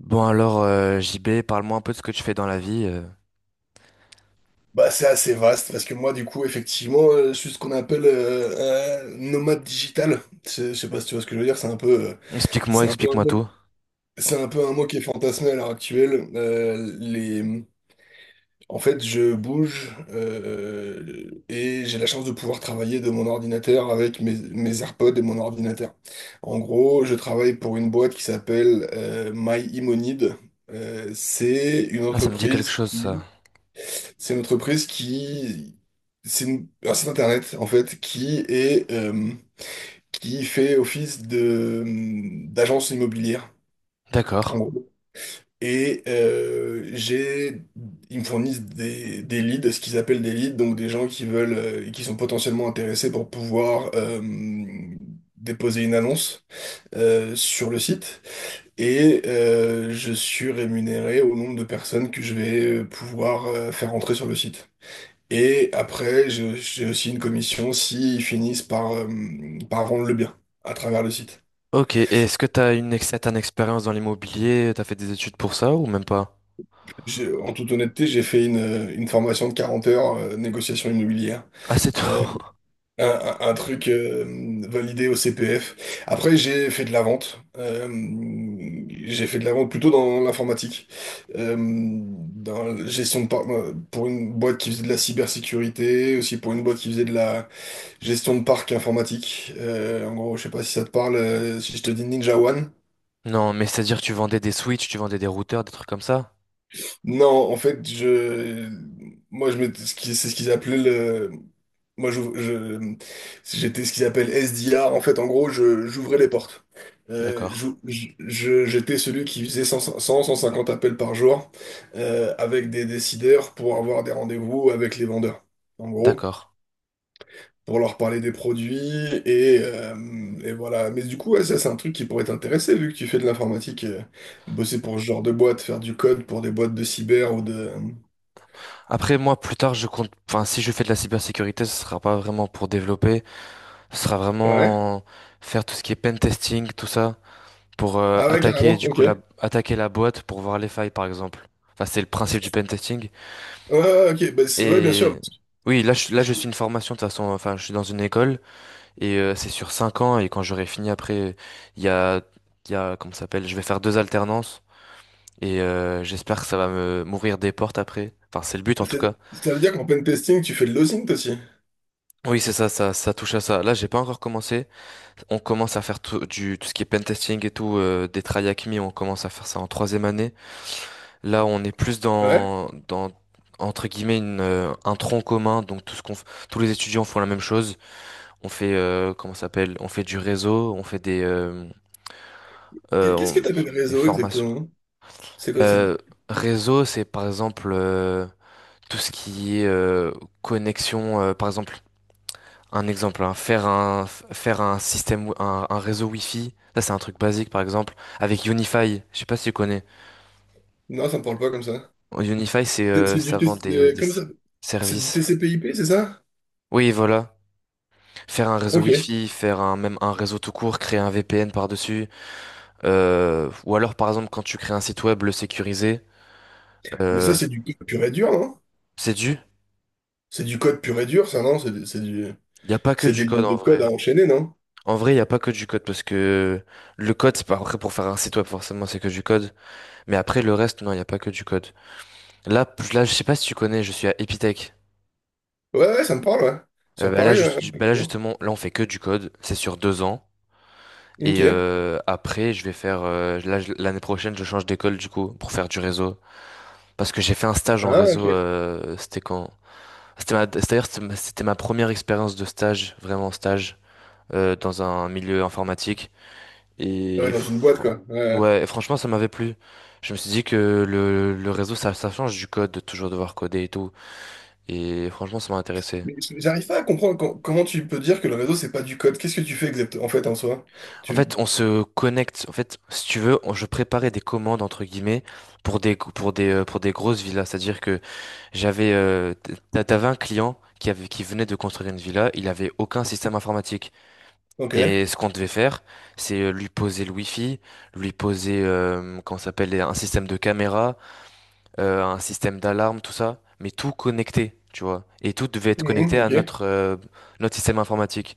Bon alors, JB, parle-moi un peu de ce que tu fais dans la vie. Bah, c'est assez vaste parce que moi, du coup, effectivement, je suis ce qu'on appelle un nomade digital. Je sais pas si tu vois ce que je veux dire. Explique-moi, c'est un peu un explique-moi mot, tout. c'est un peu un mot qui est fantasmé à l'heure actuelle. En fait, je bouge et j'ai la chance de pouvoir travailler de mon ordinateur avec mes AirPods et mon ordinateur. En gros, je travaille pour une boîte qui s'appelle My Imonide. Euh, c'est une Ah, ça me dit quelque entreprise. chose, ça. qui c'est une entreprise qui... Un site internet, en fait, qui fait office de, d'agence immobilière, D'accord. en gros. Et euh, j'ai... Ils me fournissent des, leads, ce qu'ils appellent des leads, donc des gens qui veulent... et qui sont potentiellement intéressés pour pouvoir... déposer une annonce sur le site et je suis rémunéré au nombre de personnes que je vais pouvoir faire entrer sur le site. Et après, j'ai aussi une commission s'ils finissent par, par rendre le bien à travers le site. Ok, et est-ce que t'as une expérience dans l'immobilier? T'as fait des études pour ça ou même pas? En toute honnêteté, j'ai fait une formation de 40 heures, négociation immobilière. Ah, c'est tout. Euh, un, un truc validé au CPF. Après, j'ai fait de la vente. J'ai fait de la vente plutôt dans l'informatique, dans la gestion de par- pour une boîte qui faisait de la cybersécurité, aussi pour une boîte qui faisait de la gestion de parc informatique. En gros, je sais pas si ça te parle, si je te dis Ninja One. Non, mais c'est-à-dire que tu vendais des switches, tu vendais des routeurs, des trucs comme ça? Non, en fait, je, moi, je m'étais- ce qui- c'est ce qu'ils appelaient le, moi, je, je- j'étais ce qu'ils appellent SDR. En fait, en gros, j'ouvrais les portes. D'accord. J'étais celui qui faisait 150 appels par jour avec des décideurs pour avoir des rendez-vous avec les vendeurs. En gros, D'accord. pour leur parler des produits et, euh, et voilà. Mais du coup, ouais, ça, c'est un truc qui pourrait t'intéresser vu que tu fais de l'informatique, bosser pour ce genre de boîte, faire du code pour des boîtes de cyber ou de. Après, moi, plus tard, je compte. Enfin, si je fais de la cybersécurité, ce sera pas vraiment pour développer. Ce sera Ouais. vraiment faire tout ce qui est pen testing, tout ça, pour Ah ouais, attaquer carrément, du ok. coup la Ouais, attaquer la boîte pour voir les failles par exemple. Enfin, c'est le principe du pentesting. ouais, ouais, ok, bah, ouais, bien sûr. Et Parce oui, là je, que là je suis j'ai- une formation de toute façon. Enfin, je suis dans une école et c'est sur 5 ans et quand j'aurai fini après, il y a il y a comment ça s'appelle? Je vais faire deux alternances et j'espère que ça va me m'ouvrir des portes après. Enfin, c'est le but en tout c'est- cas. Ça veut dire qu'en pen testing, tu fais de l'osint aussi. Oui, c'est ça, ça, ça touche à ça. Là, j'ai pas encore commencé. On commence à faire tout ce qui est pentesting et tout, des tryhacks me, on commence à faire ça en troisième année. Là, on est plus Ouais. dans entre guillemets un tronc commun. Donc tout ce tous les étudiants font la même chose. On fait comment ça s'appelle? On fait du réseau. On fait des euh, Qu'est-ce que on- t'appelles des réseau formations. exactement? C'est quoi? Euh, Réseau, c'est par exemple tout ce qui est connexion. Par exemple, un exemple, hein, faire un faire un système, un réseau Wi-Fi. Ça, c'est un truc basique, par exemple, avec Unify. Je sais pas si tu connais. Non, ça me parle pas comme ça. Unify, c'est C'est c'est du, ça vend des, des comment s- ça? C'est du services. TCP/IP, c'est ça? Oui, voilà. Faire un réseau Ok. Wi-Fi, même un réseau tout court, créer un VPN par-dessus. Ou alors, par exemple, quand tu crées un site web, le sécuriser. Mais ça, Euh, c'est du code pur et dur, hein. c'est du. C'est du code pur et dur, ça, non? Il n'y a pas que C'est du des code lignes de en code vrai. à enchaîner, non? En vrai, il n'y a pas que du code parce que le code, c'est pas après pour faire un site web, forcément, c'est que du code. Mais après, le reste, non, il n'y a pas que du code. Là, là, je sais pas si tu connais, je suis à Epitech. Ouais, ouais, ça me parle, ouais. Sur Bah là, Paris, ouais. Ouais, juste- bah là, effectivement. justement, là, on fait que du code. C'est sur 2 ans. Ok. Et après, je vais faire. Là, je- l'année prochaine, je change d'école, du coup, pour faire du réseau. Parce que j'ai fait un stage en Ah, réseau, ok. C'était quand? D'ailleurs, c'était ma première expérience de stage, vraiment stage, dans un milieu informatique. Ah ouais, Et dans une boîte, fr- quoi. Ouais. Ouais. ouais, et franchement, ça m'avait plu. Je me suis dit que le réseau, ça change du code, de toujours devoir coder et tout. Et franchement, ça m'a intéressé. Mais j'arrive pas à comprendre comment tu peux dire que le réseau, c'est pas du code. Qu'est-ce que tu fais exactement, en fait, en soi? En Tu... fait, on se connecte. En fait, si tu veux, je préparais des commandes, entre guillemets, pour des grosses villas. C'est-à-dire que j'avais, t'avais un client qui venait de construire une villa, il avait aucun système informatique. Ok. Et ce qu'on devait faire, c'est lui poser le wifi, lui poser, comment ça s'appelle, un système de caméra, un système d'alarme, tout ça, mais tout connecté, tu vois. Et tout devait être connecté Mhm, à ok. Notre système informatique.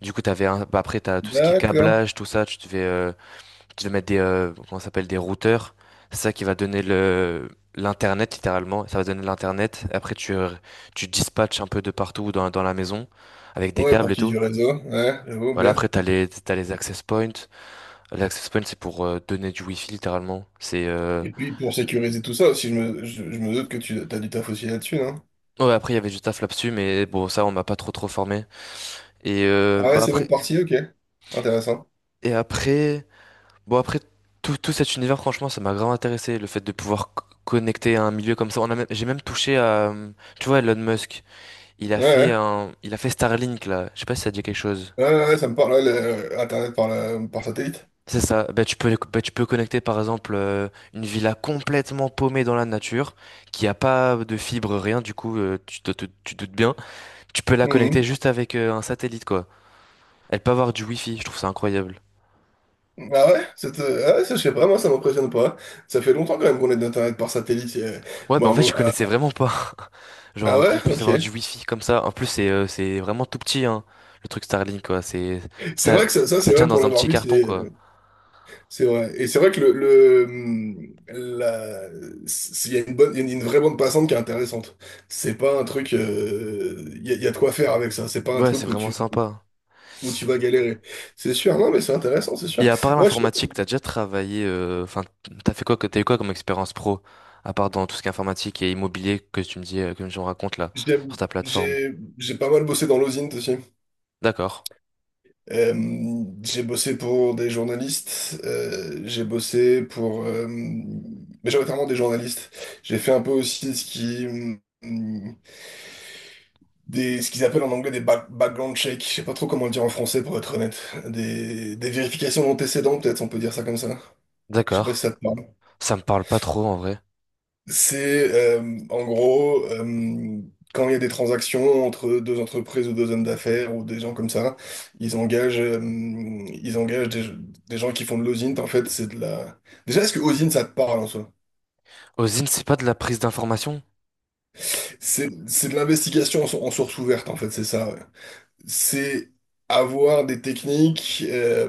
Du coup, après, t'as tout ce qui est D'accord. câblage, tout ça, tu tu vas mettre des, comment ça s'appelle, des routeurs. C'est ça qui va donner l'internet, littéralement. Ça va donner l'internet. Après, tu dispatches un peu de partout dans la maison avec des Ouais, câbles pour et qui tout. du réseau. Ouais, j'avoue, Voilà, bien. après, t'as les access points. Les access points, c'est pour donner du wifi, littéralement. Et puis, pour sécuriser tout ça aussi, je me doute que tu as du taf aussi là-dessus, non? Ouais, après, il y avait du taf là-dessus, mais bon, ça, on m'a pas trop formé. Et, euh, Ah ouais, bah, c'est une après, autre partie, ok. Intéressant. et après, tout, tout cet univers, franchement, ça m'a grave intéressé. Le fait de pouvoir connecter à un milieu comme ça. J'ai même touché à, tu vois, Elon Musk. Ouais, ouais. Il a fait Starlink là. Je sais pas si ça te dit quelque chose. Ouais, ouais, ouais, ça me parle, ouais, Internet par satellite. C'est ça. Bah, tu peux connecter par exemple une villa complètement paumée dans la nature, qui a pas de fibre, rien. Du coup, tu doutes bien. Tu peux la connecter Mhm. juste avec un satellite quoi. Elle peut avoir du wifi. Je trouve ça incroyable. Ah ouais, ah ouais, ça, je sais pas, moi ça m'impressionne pas. Ça fait longtemps quand même qu'on est d'Internet par satellite. Ouais, bah bon, en à fait, je mon- ah, connaissais vraiment pas. ah Genre qu'on ouais, puisse avoir du ok. wifi comme ça. En plus, c'est vraiment tout petit hein, le truc Starlink quoi. C'est ça, vrai que ça, Ça c'est vrai tient pour dans un l'avoir petit vu, carton quoi. c'est vrai. Et c'est vrai que il y a une vraie bande passante qui est intéressante. C'est pas un truc, il y a de quoi faire avec ça. C'est pas un Ouais, c'est truc vraiment sympa. où tu vas galérer. C'est sûr, non mais c'est intéressant, c'est sûr. Et à part Moi, l'informatique, t'as déjà travaillé, t'as fait quoi, t'as eu quoi comme expérience pro, à part dans tout ce qui est informatique et immobilier que tu me dis, que tu me racontes là, sur J'aime- ta plateforme. J'ai j'ai pas mal bossé dans l'osint aussi. D'accord, J'ai bossé pour des journalistes, j'ai bossé pour majoritairement des journalistes. J'ai fait un peu aussi ce qui hum, des ce qu'ils appellent en anglais des background checks. Je sais pas trop comment le dire en français pour être honnête. Des vérifications d'antécédents peut-être, on peut dire ça comme ça. Je sais pas si ça d'accord. te parle. Ça me parle pas trop en vrai. C'est En gros quand il y a des transactions entre deux entreprises ou deux hommes d'affaires ou des gens comme ça, ils engagent, euh, ils engagent des gens qui font de l'osint. En fait, c'est de la. Déjà, est-ce que osint ça te parle en soi? OSINT, c'est pas de la prise d'information? C'est de l'investigation en source ouverte en fait, c'est ça. Ouais. C'est avoir des techniques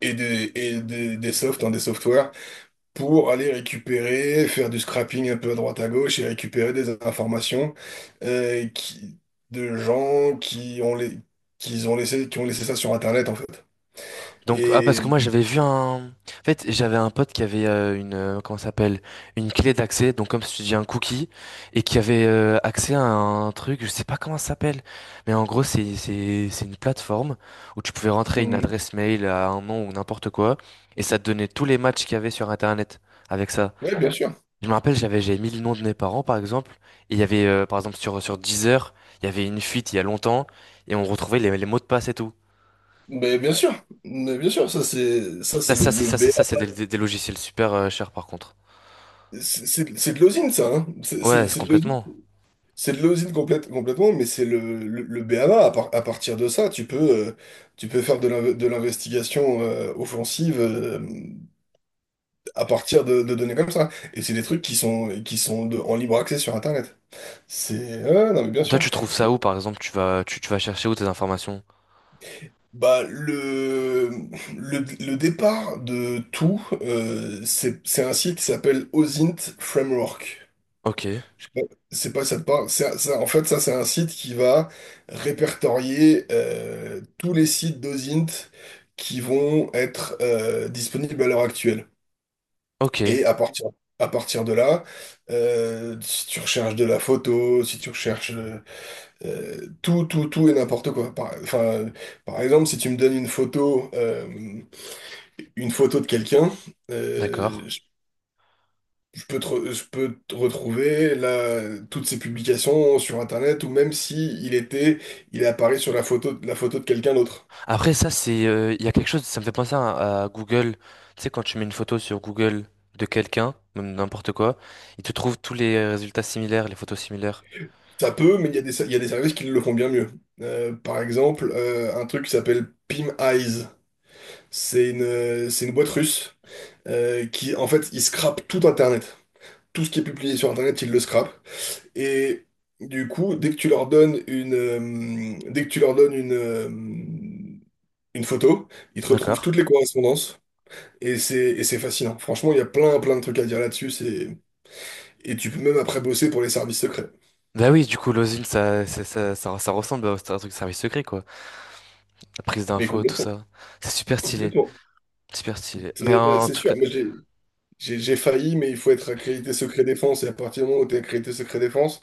et des softs, hein, des softwares pour aller récupérer, faire du scrapping un peu à droite à gauche et récupérer des informations euh, qui- de gens qui ont laissé ça sur Internet, en fait. Donc, ah, parce Et que moi, j'avais vu un... En fait, j'avais un pote qui avait une... Comment ça s'appelle? Une clé d'accès, donc comme si tu dis un cookie, et qui avait accès à un truc, je sais pas comment ça s'appelle, mais en gros, c'est une plateforme où tu pouvais rentrer une Mhm. adresse mail à un nom ou n'importe quoi, et ça te donnait tous les matchs qu'il y avait sur Internet avec ça. Ouais, bien sûr. Je me rappelle, j'avais mis le nom de mes parents, par exemple, et il y avait, par exemple, sur Deezer, il y avait une fuite il y a longtemps, et on retrouvait les mots de passe et tout. Mais bien sûr, ça c'est ça c'est le, B. C'est des, A. Des logiciels super chers par contre. C'est de l'osine, ça, hein. C'est Ouais, c'est- c'est c'est de l'osine. complètement. C'est de l'osine complètement, mais c'est le B a B A. À partir de ça, euh, tu peux faire de l'investigation offensive à partir de données comme ça. Et c'est des trucs qui sont en libre accès sur Internet. C'est... ouais, non, mais bien Toi, sûr. tu trouves ça Et, où, par exemple, tu vas chercher où tes informations? Bah, le, le départ de tout, c'est un site qui s'appelle OSINT Framework. Ok, Je sais pas- C'est pas ça te parle. En fait, ça, c'est un site qui va répertorier tous les sites d'OSINT qui vont être disponibles à l'heure actuelle. ok, Et à partir de là, si tu recherches de la photo, si tu recherches tout, tout, tout et n'importe quoi. Enfin, par exemple, si tu me donnes une photo de quelqu'un, euh, d'accord. je je peux te retrouver là, toutes ses publications sur Internet, ou même si il est apparu sur la photo, de quelqu'un d'autre. Après, il y a quelque chose, ça me fait penser à Google. Tu sais, quand tu mets une photo sur Google de quelqu'un, même n'importe quoi, il te trouve tous les résultats similaires, les photos similaires. Ça peut, mais il y a des services qui le font bien mieux. Par exemple, un truc qui s'appelle Pim Eyes. C'est une boîte russe qui, en fait, ils scrapent tout Internet. Tout ce qui est publié sur Internet, ils le scrapent. Et du coup, dès que tu leur donnes une photo, ils te retrouvent D'accord. toutes les correspondances. Et c'est fascinant. Franchement, il y a plein, plein de trucs à dire là-dessus. Et tu peux même après bosser pour les services secrets. Bah oui, du coup, l'osine, ça ressemble à un truc service secret, quoi. La prise Mais d'infos, tout complètement, ça. C'est super stylé. complètement. Super stylé. Mais C'est là, en c'est tout sûr. cas. Moi, j'ai failli, mais il faut être accrédité secret défense. Et à partir du moment où tu es accrédité secret défense,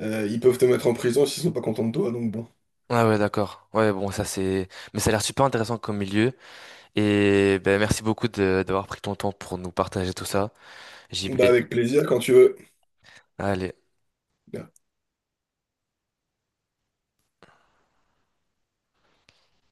Ils peuvent te mettre en prison s'ils sont pas contents de toi, donc bon. Ah ouais, d'accord. Ouais, bon, ça c'est... Mais ça a l'air super intéressant comme milieu. Et ben, merci beaucoup de d'avoir pris ton temps pour nous partager tout ça. JB, Bah avec plaisir quand tu veux. allez.